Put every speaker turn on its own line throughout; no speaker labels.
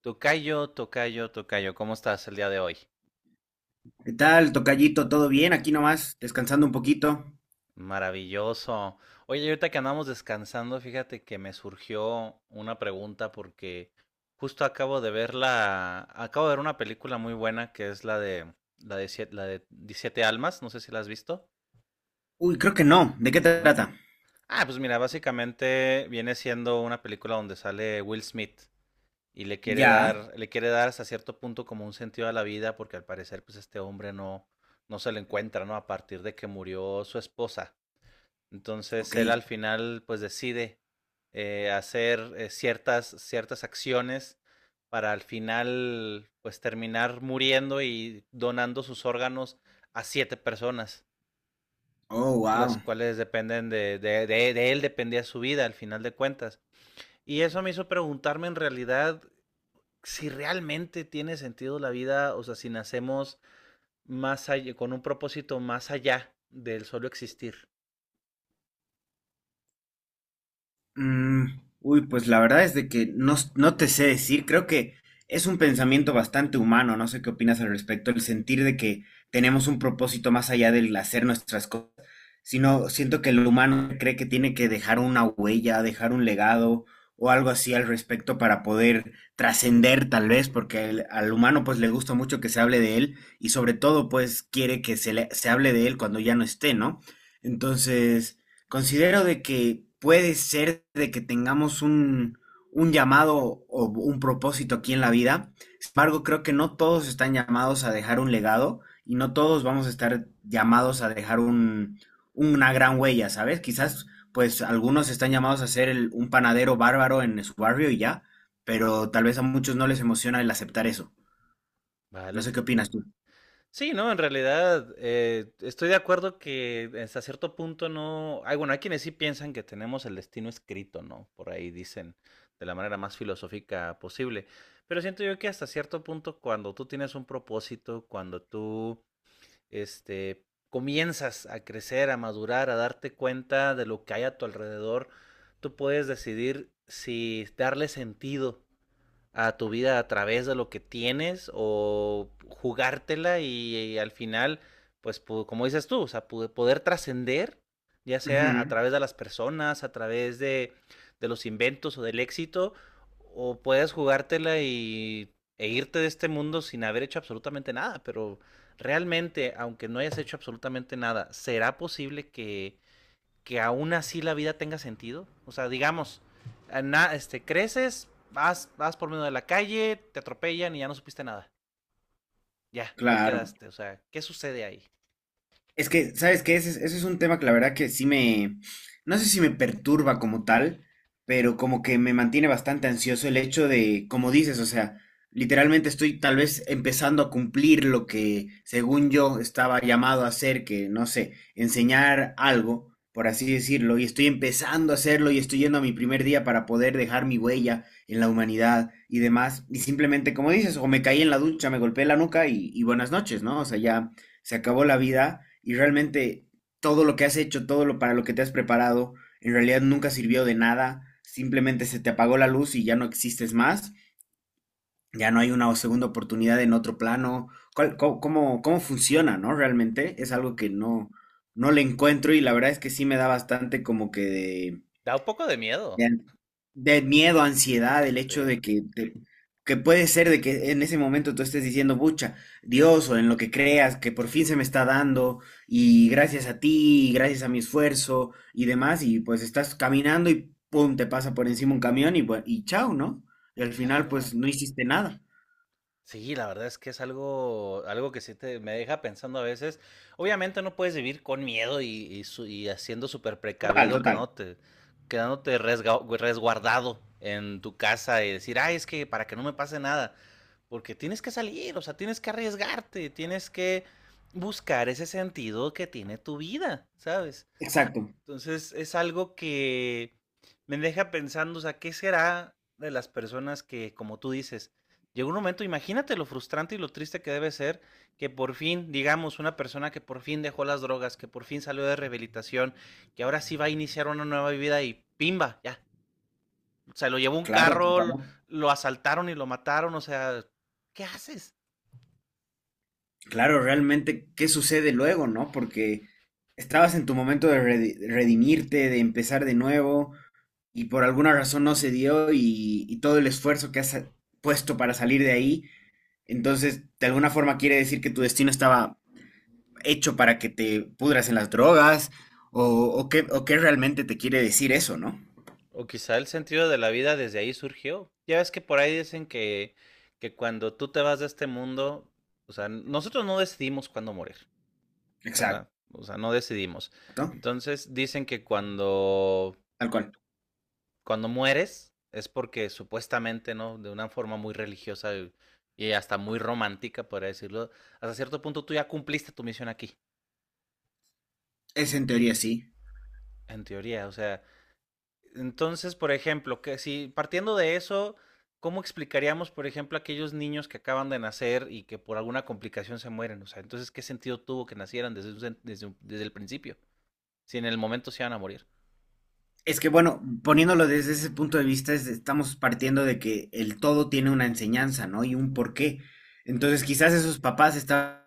Tocayo, tocayo, tocayo, ¿cómo estás el día de hoy?
¿Qué tal, tocallito? ¿Todo bien? Aquí nomás, descansando un poquito.
Maravilloso. Oye, ahorita que andamos descansando, fíjate que me surgió una pregunta porque justo acabo de ver acabo de ver una película muy buena que es la de, siete la de 17 almas, no sé si la has visto,
Uy, creo que no. ¿De qué
¿no?
trata?
Ah, pues mira, básicamente viene siendo una película donde sale Will Smith. Y
Ya.
le quiere dar hasta cierto punto como un sentido a la vida, porque al parecer, pues este hombre no se lo encuentra, ¿no? A partir de que murió su esposa. Entonces
Ok.
él al final, pues decide hacer ciertas acciones para al final, pues terminar muriendo y donando sus órganos a siete personas,
Oh,
las
wow.
cuales dependen de él, dependía su vida al final de cuentas. Y eso me hizo preguntarme en realidad si realmente tiene sentido la vida, o sea, si nacemos más allá, con un propósito más allá del solo existir.
Pues la verdad es de que no, no te sé decir, creo que es un pensamiento bastante humano, no sé qué opinas al respecto, el sentir de que tenemos un propósito más allá del hacer nuestras cosas, sino siento que el humano cree que tiene que dejar una huella, dejar un legado o algo así al respecto para poder trascender tal vez, porque al humano pues le gusta mucho que se hable de él y sobre todo pues quiere que se, se hable de él cuando ya no esté, ¿no? Entonces... Considero de que puede ser de que tengamos un llamado o un propósito aquí en la vida. Sin embargo, creo que no todos están llamados a dejar un legado y no todos vamos a estar llamados a dejar una gran huella, ¿sabes? Quizás, pues, algunos están llamados a ser un panadero bárbaro en su barrio y ya, pero tal vez a muchos no les emociona el aceptar eso. No
Vale,
sé
te
qué opinas
entiendo.
tú.
Sí, no, en realidad estoy de acuerdo que hasta cierto punto no. Hay, bueno, hay quienes sí piensan que tenemos el destino escrito, ¿no? Por ahí dicen de la manera más filosófica posible. Pero siento yo que hasta cierto punto, cuando tú tienes un propósito, cuando este, comienzas a crecer, a madurar, a darte cuenta de lo que hay a tu alrededor, tú puedes decidir si darle sentido a tu vida a través de lo que tienes o jugártela y al final, pues como dices tú, o sea, poder trascender, ya sea a
Ujú,
través de las personas, de los inventos o del éxito, o puedes jugártela e irte de este mundo sin haber hecho absolutamente nada, pero realmente, aunque no hayas hecho absolutamente nada, ¿será posible que aún así la vida tenga sentido? O sea, digamos, creces, vas por medio de la calle, te atropellan y ya no supiste nada. Ya, ahí
claro.
quedaste. O sea, ¿qué sucede ahí?
Es que, ¿sabes qué? Ese es un tema que la verdad que sí me, no sé si me perturba como tal, pero como que me mantiene bastante ansioso el hecho de, como dices, o sea, literalmente estoy tal vez empezando a cumplir lo que según yo estaba llamado a hacer, que no sé, enseñar algo, por así decirlo, y estoy empezando a hacerlo y estoy yendo a mi primer día para poder dejar mi huella en la humanidad y demás, y simplemente, como dices, o me caí en la ducha, me golpeé la nuca y buenas noches, ¿no? O sea, ya se acabó la vida y realmente todo lo que has hecho, todo lo para lo que te has preparado, en realidad nunca sirvió de nada, simplemente se te apagó la luz y ya no existes más, ya no hay una segunda oportunidad en otro plano. ¿Cómo, cómo funciona, no? Realmente es algo que no, no le encuentro y la verdad es que sí me da bastante como que de...
Da un poco de miedo.
Bien. De miedo, ansiedad, el hecho
Sí.
de que, que puede ser de que en ese momento tú estés diciendo, pucha, Dios o en lo que creas, que por fin se me está dando y gracias a ti, y gracias a mi esfuerzo y demás, y pues estás caminando y pum, te pasa por encima un camión y chao, ¿no? Y al final
Claro.
pues no hiciste nada.
Sí, la verdad es que es algo que sí me deja pensando a veces. Obviamente no puedes vivir con miedo y haciendo súper
Total,
precavido,
total.
quedándote resguardado en tu casa y decir, ay, es que para que no me pase nada. Porque tienes que salir, o sea, tienes que arriesgarte, tienes que buscar ese sentido que tiene tu vida, ¿sabes?
Exacto.
Entonces es algo que me deja pensando, o sea, ¿qué será de las personas que, como tú dices, llega un momento, imagínate lo frustrante y lo triste que debe ser que por fin, digamos, una persona que por fin dejó las drogas, que por fin salió de rehabilitación, que ahora sí va a iniciar una nueva vida y pimba, ya. O sea, lo llevó un
Claro, se
carro,
acabó.
lo asaltaron y lo mataron, o sea, ¿qué haces?
Claro, realmente, ¿qué sucede luego, no? Porque estabas en tu momento de redimirte, de empezar de nuevo y por alguna razón no se dio y todo el esfuerzo que has puesto para salir de ahí, entonces de alguna forma quiere decir que tu destino estaba hecho para que te pudras en las drogas o qué realmente te quiere decir eso, ¿no?
O quizá el sentido de la vida desde ahí surgió. Ya ves que por ahí dicen que cuando tú te vas de este mundo, o sea, nosotros no decidimos cuándo morir,
Exacto,
¿verdad? O sea, no decidimos. Entonces dicen que
tal cual.
cuando mueres es porque supuestamente, ¿no? De una forma muy religiosa y hasta muy romántica, podría decirlo, hasta cierto punto tú ya cumpliste tu misión aquí,
Es en teoría sí.
en teoría. O sea, entonces, por ejemplo, que si partiendo de eso, ¿cómo explicaríamos, por ejemplo, a aquellos niños que acaban de nacer y que por alguna complicación se mueren? O sea, entonces, ¿qué sentido tuvo que nacieran desde el principio? Si en el momento se iban a morir.
Es que bueno, poniéndolo desde ese punto de vista, estamos partiendo de que el todo tiene una enseñanza, ¿no? Y un porqué. Entonces,
Ujú.
quizás esos papás estaban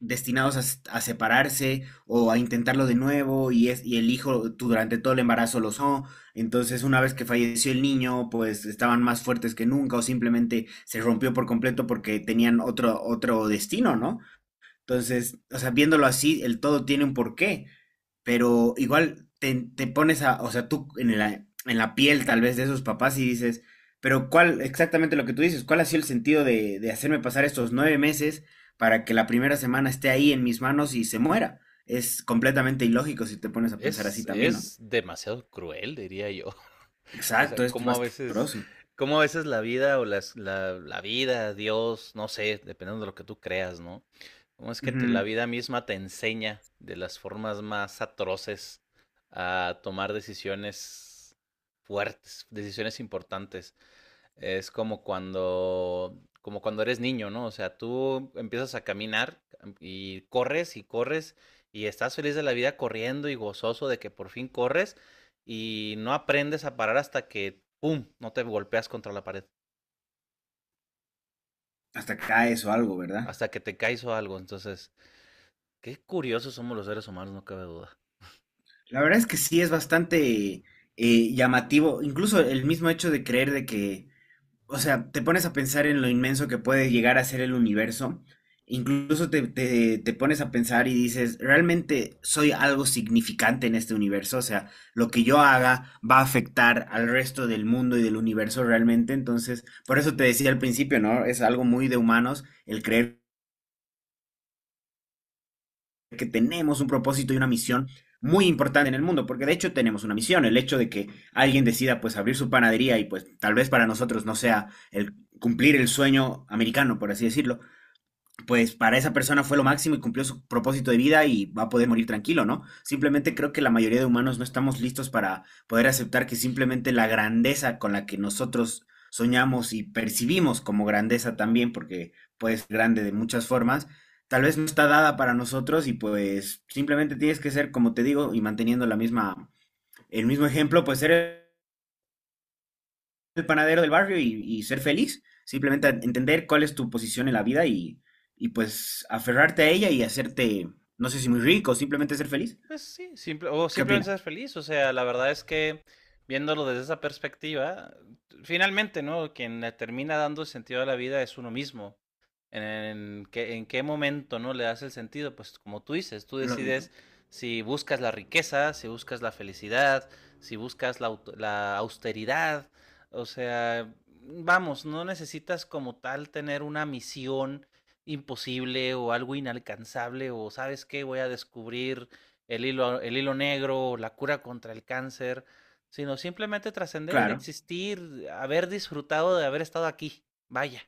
destinados a, a separarse o a intentarlo de nuevo y, es, y el hijo durante todo el embarazo lo son. Entonces, una vez que falleció el niño, pues estaban más fuertes que nunca o simplemente se rompió por completo porque tenían otro, otro destino, ¿no? Entonces, o sea, viéndolo así, el todo tiene un porqué, pero igual te, te pones a, o sea, tú en la piel tal vez de esos papás y dices, pero ¿cuál, exactamente lo que tú dices, cuál ha sido el sentido de hacerme pasar estos 9 meses para que la primera semana esté ahí en mis manos y se muera? Es completamente ilógico si te pones a pensar así también, ¿no?
Es demasiado cruel, diría yo. O
Exacto,
sea,
es bastante doloroso.
cómo a veces la vida la vida, Dios, no sé, dependiendo de lo que tú creas, ¿no? Cómo es que la
Ujú.
vida misma te enseña de las formas más atroces a tomar decisiones fuertes, decisiones importantes. Es como como cuando eres niño, ¿no? O sea, tú empiezas a caminar y corres y corres y estás feliz de la vida corriendo y gozoso de que por fin corres y no aprendes a parar hasta que, ¡pum!, no te golpeas contra la pared,
Hasta caes o algo, ¿verdad?
hasta que te caes o algo. Entonces, qué curiosos somos los seres humanos, no cabe duda.
La verdad es que sí es bastante llamativo, incluso el mismo hecho de creer de que o sea, te pones a pensar en lo inmenso que puede llegar a ser el universo. Incluso te, te, te pones a pensar y dices, ¿realmente soy algo significante en este universo? O sea, lo que yo haga va a afectar al resto del mundo y del universo realmente. Entonces, por eso te decía al principio, ¿no? Es algo muy de humanos el creer que tenemos un propósito y una misión muy importante en el mundo, porque de hecho tenemos una misión, el hecho de que alguien decida pues abrir su panadería y pues tal vez para nosotros no sea el cumplir el sueño americano, por así decirlo, pues para esa persona fue lo máximo y cumplió su propósito de vida y va a poder morir tranquilo, ¿no? Simplemente creo que la mayoría de humanos no estamos listos para poder aceptar que simplemente la grandeza con la que nosotros soñamos y percibimos como grandeza también, porque puede ser grande de muchas formas, tal vez no está dada para nosotros y pues simplemente tienes que ser, como te digo, y manteniendo la misma, el mismo ejemplo, pues ser el panadero del barrio y ser feliz. Simplemente entender cuál es tu posición en la vida y pues aferrarte a ella y hacerte, no sé si muy rico, simplemente ser feliz.
Pues sí, simple, o
¿Qué
simplemente
opinas?
ser feliz. O sea, la verdad es que viéndolo desde esa perspectiva, finalmente, ¿no? Quien le termina dando el sentido a la vida es uno mismo. En, en qué momento, ¿no? Le das el sentido. Pues como tú dices, tú
Lógico.
decides si buscas la riqueza, si buscas la felicidad, si buscas la austeridad. O sea, vamos, no necesitas como tal tener una misión imposible o algo inalcanzable o sabes qué, voy a descubrir el hilo negro, la cura contra el cáncer, sino simplemente trascender,
Claro.
existir, haber disfrutado de haber estado aquí. Vaya.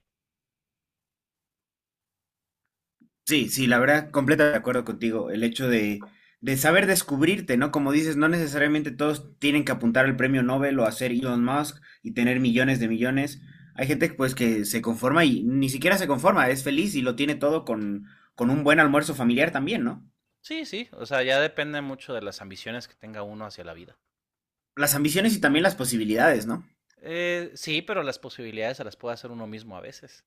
Sí, sí, la verdad, completamente de acuerdo contigo. El hecho de saber descubrirte, ¿no? Como dices, no necesariamente todos tienen que apuntar al premio Nobel o hacer Elon Musk y tener millones de millones. Hay gente pues que se conforma y ni siquiera se conforma, es feliz y lo tiene todo con un buen almuerzo familiar también, ¿no?
Sí, sí, o sea, ya depende mucho de las ambiciones que tenga uno hacia la vida.
Las ambiciones y también las posibilidades, ¿no?
Sí, pero las posibilidades se las puede hacer uno mismo a veces.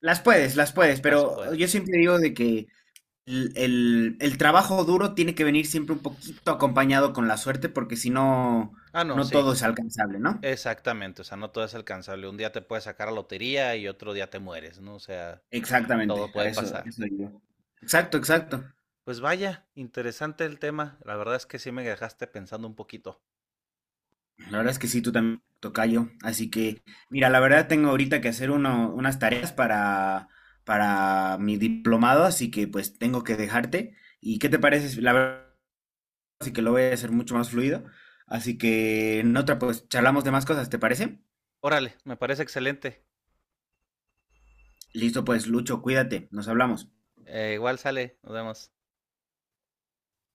Las puedes,
Las
pero yo
puedes.
siempre digo de que el trabajo duro tiene que venir siempre un poquito acompañado con la suerte, porque si no,
Ah, no,
no
sí,
todo es alcanzable, ¿no?
exactamente, o sea, no todo es alcanzable. Un día te puedes sacar a la lotería y otro día te mueres, ¿no? O sea, todo
Exactamente,
puede
a
pasar.
eso digo. Exacto, exacto.
Pues vaya, interesante el tema. La verdad es que sí me dejaste pensando un poquito.
La verdad es que sí, tú también, tocayo. Así que, mira, la verdad tengo ahorita que hacer unas tareas para mi diplomado, así que pues tengo que dejarte. ¿Y qué te parece? La verdad. Y que lo voy a hacer mucho más fluido. Así que en otra, pues charlamos de más cosas, ¿te parece?
Órale, me parece excelente.
Listo, pues Lucho, cuídate, nos hablamos.
Igual sale, nos vemos.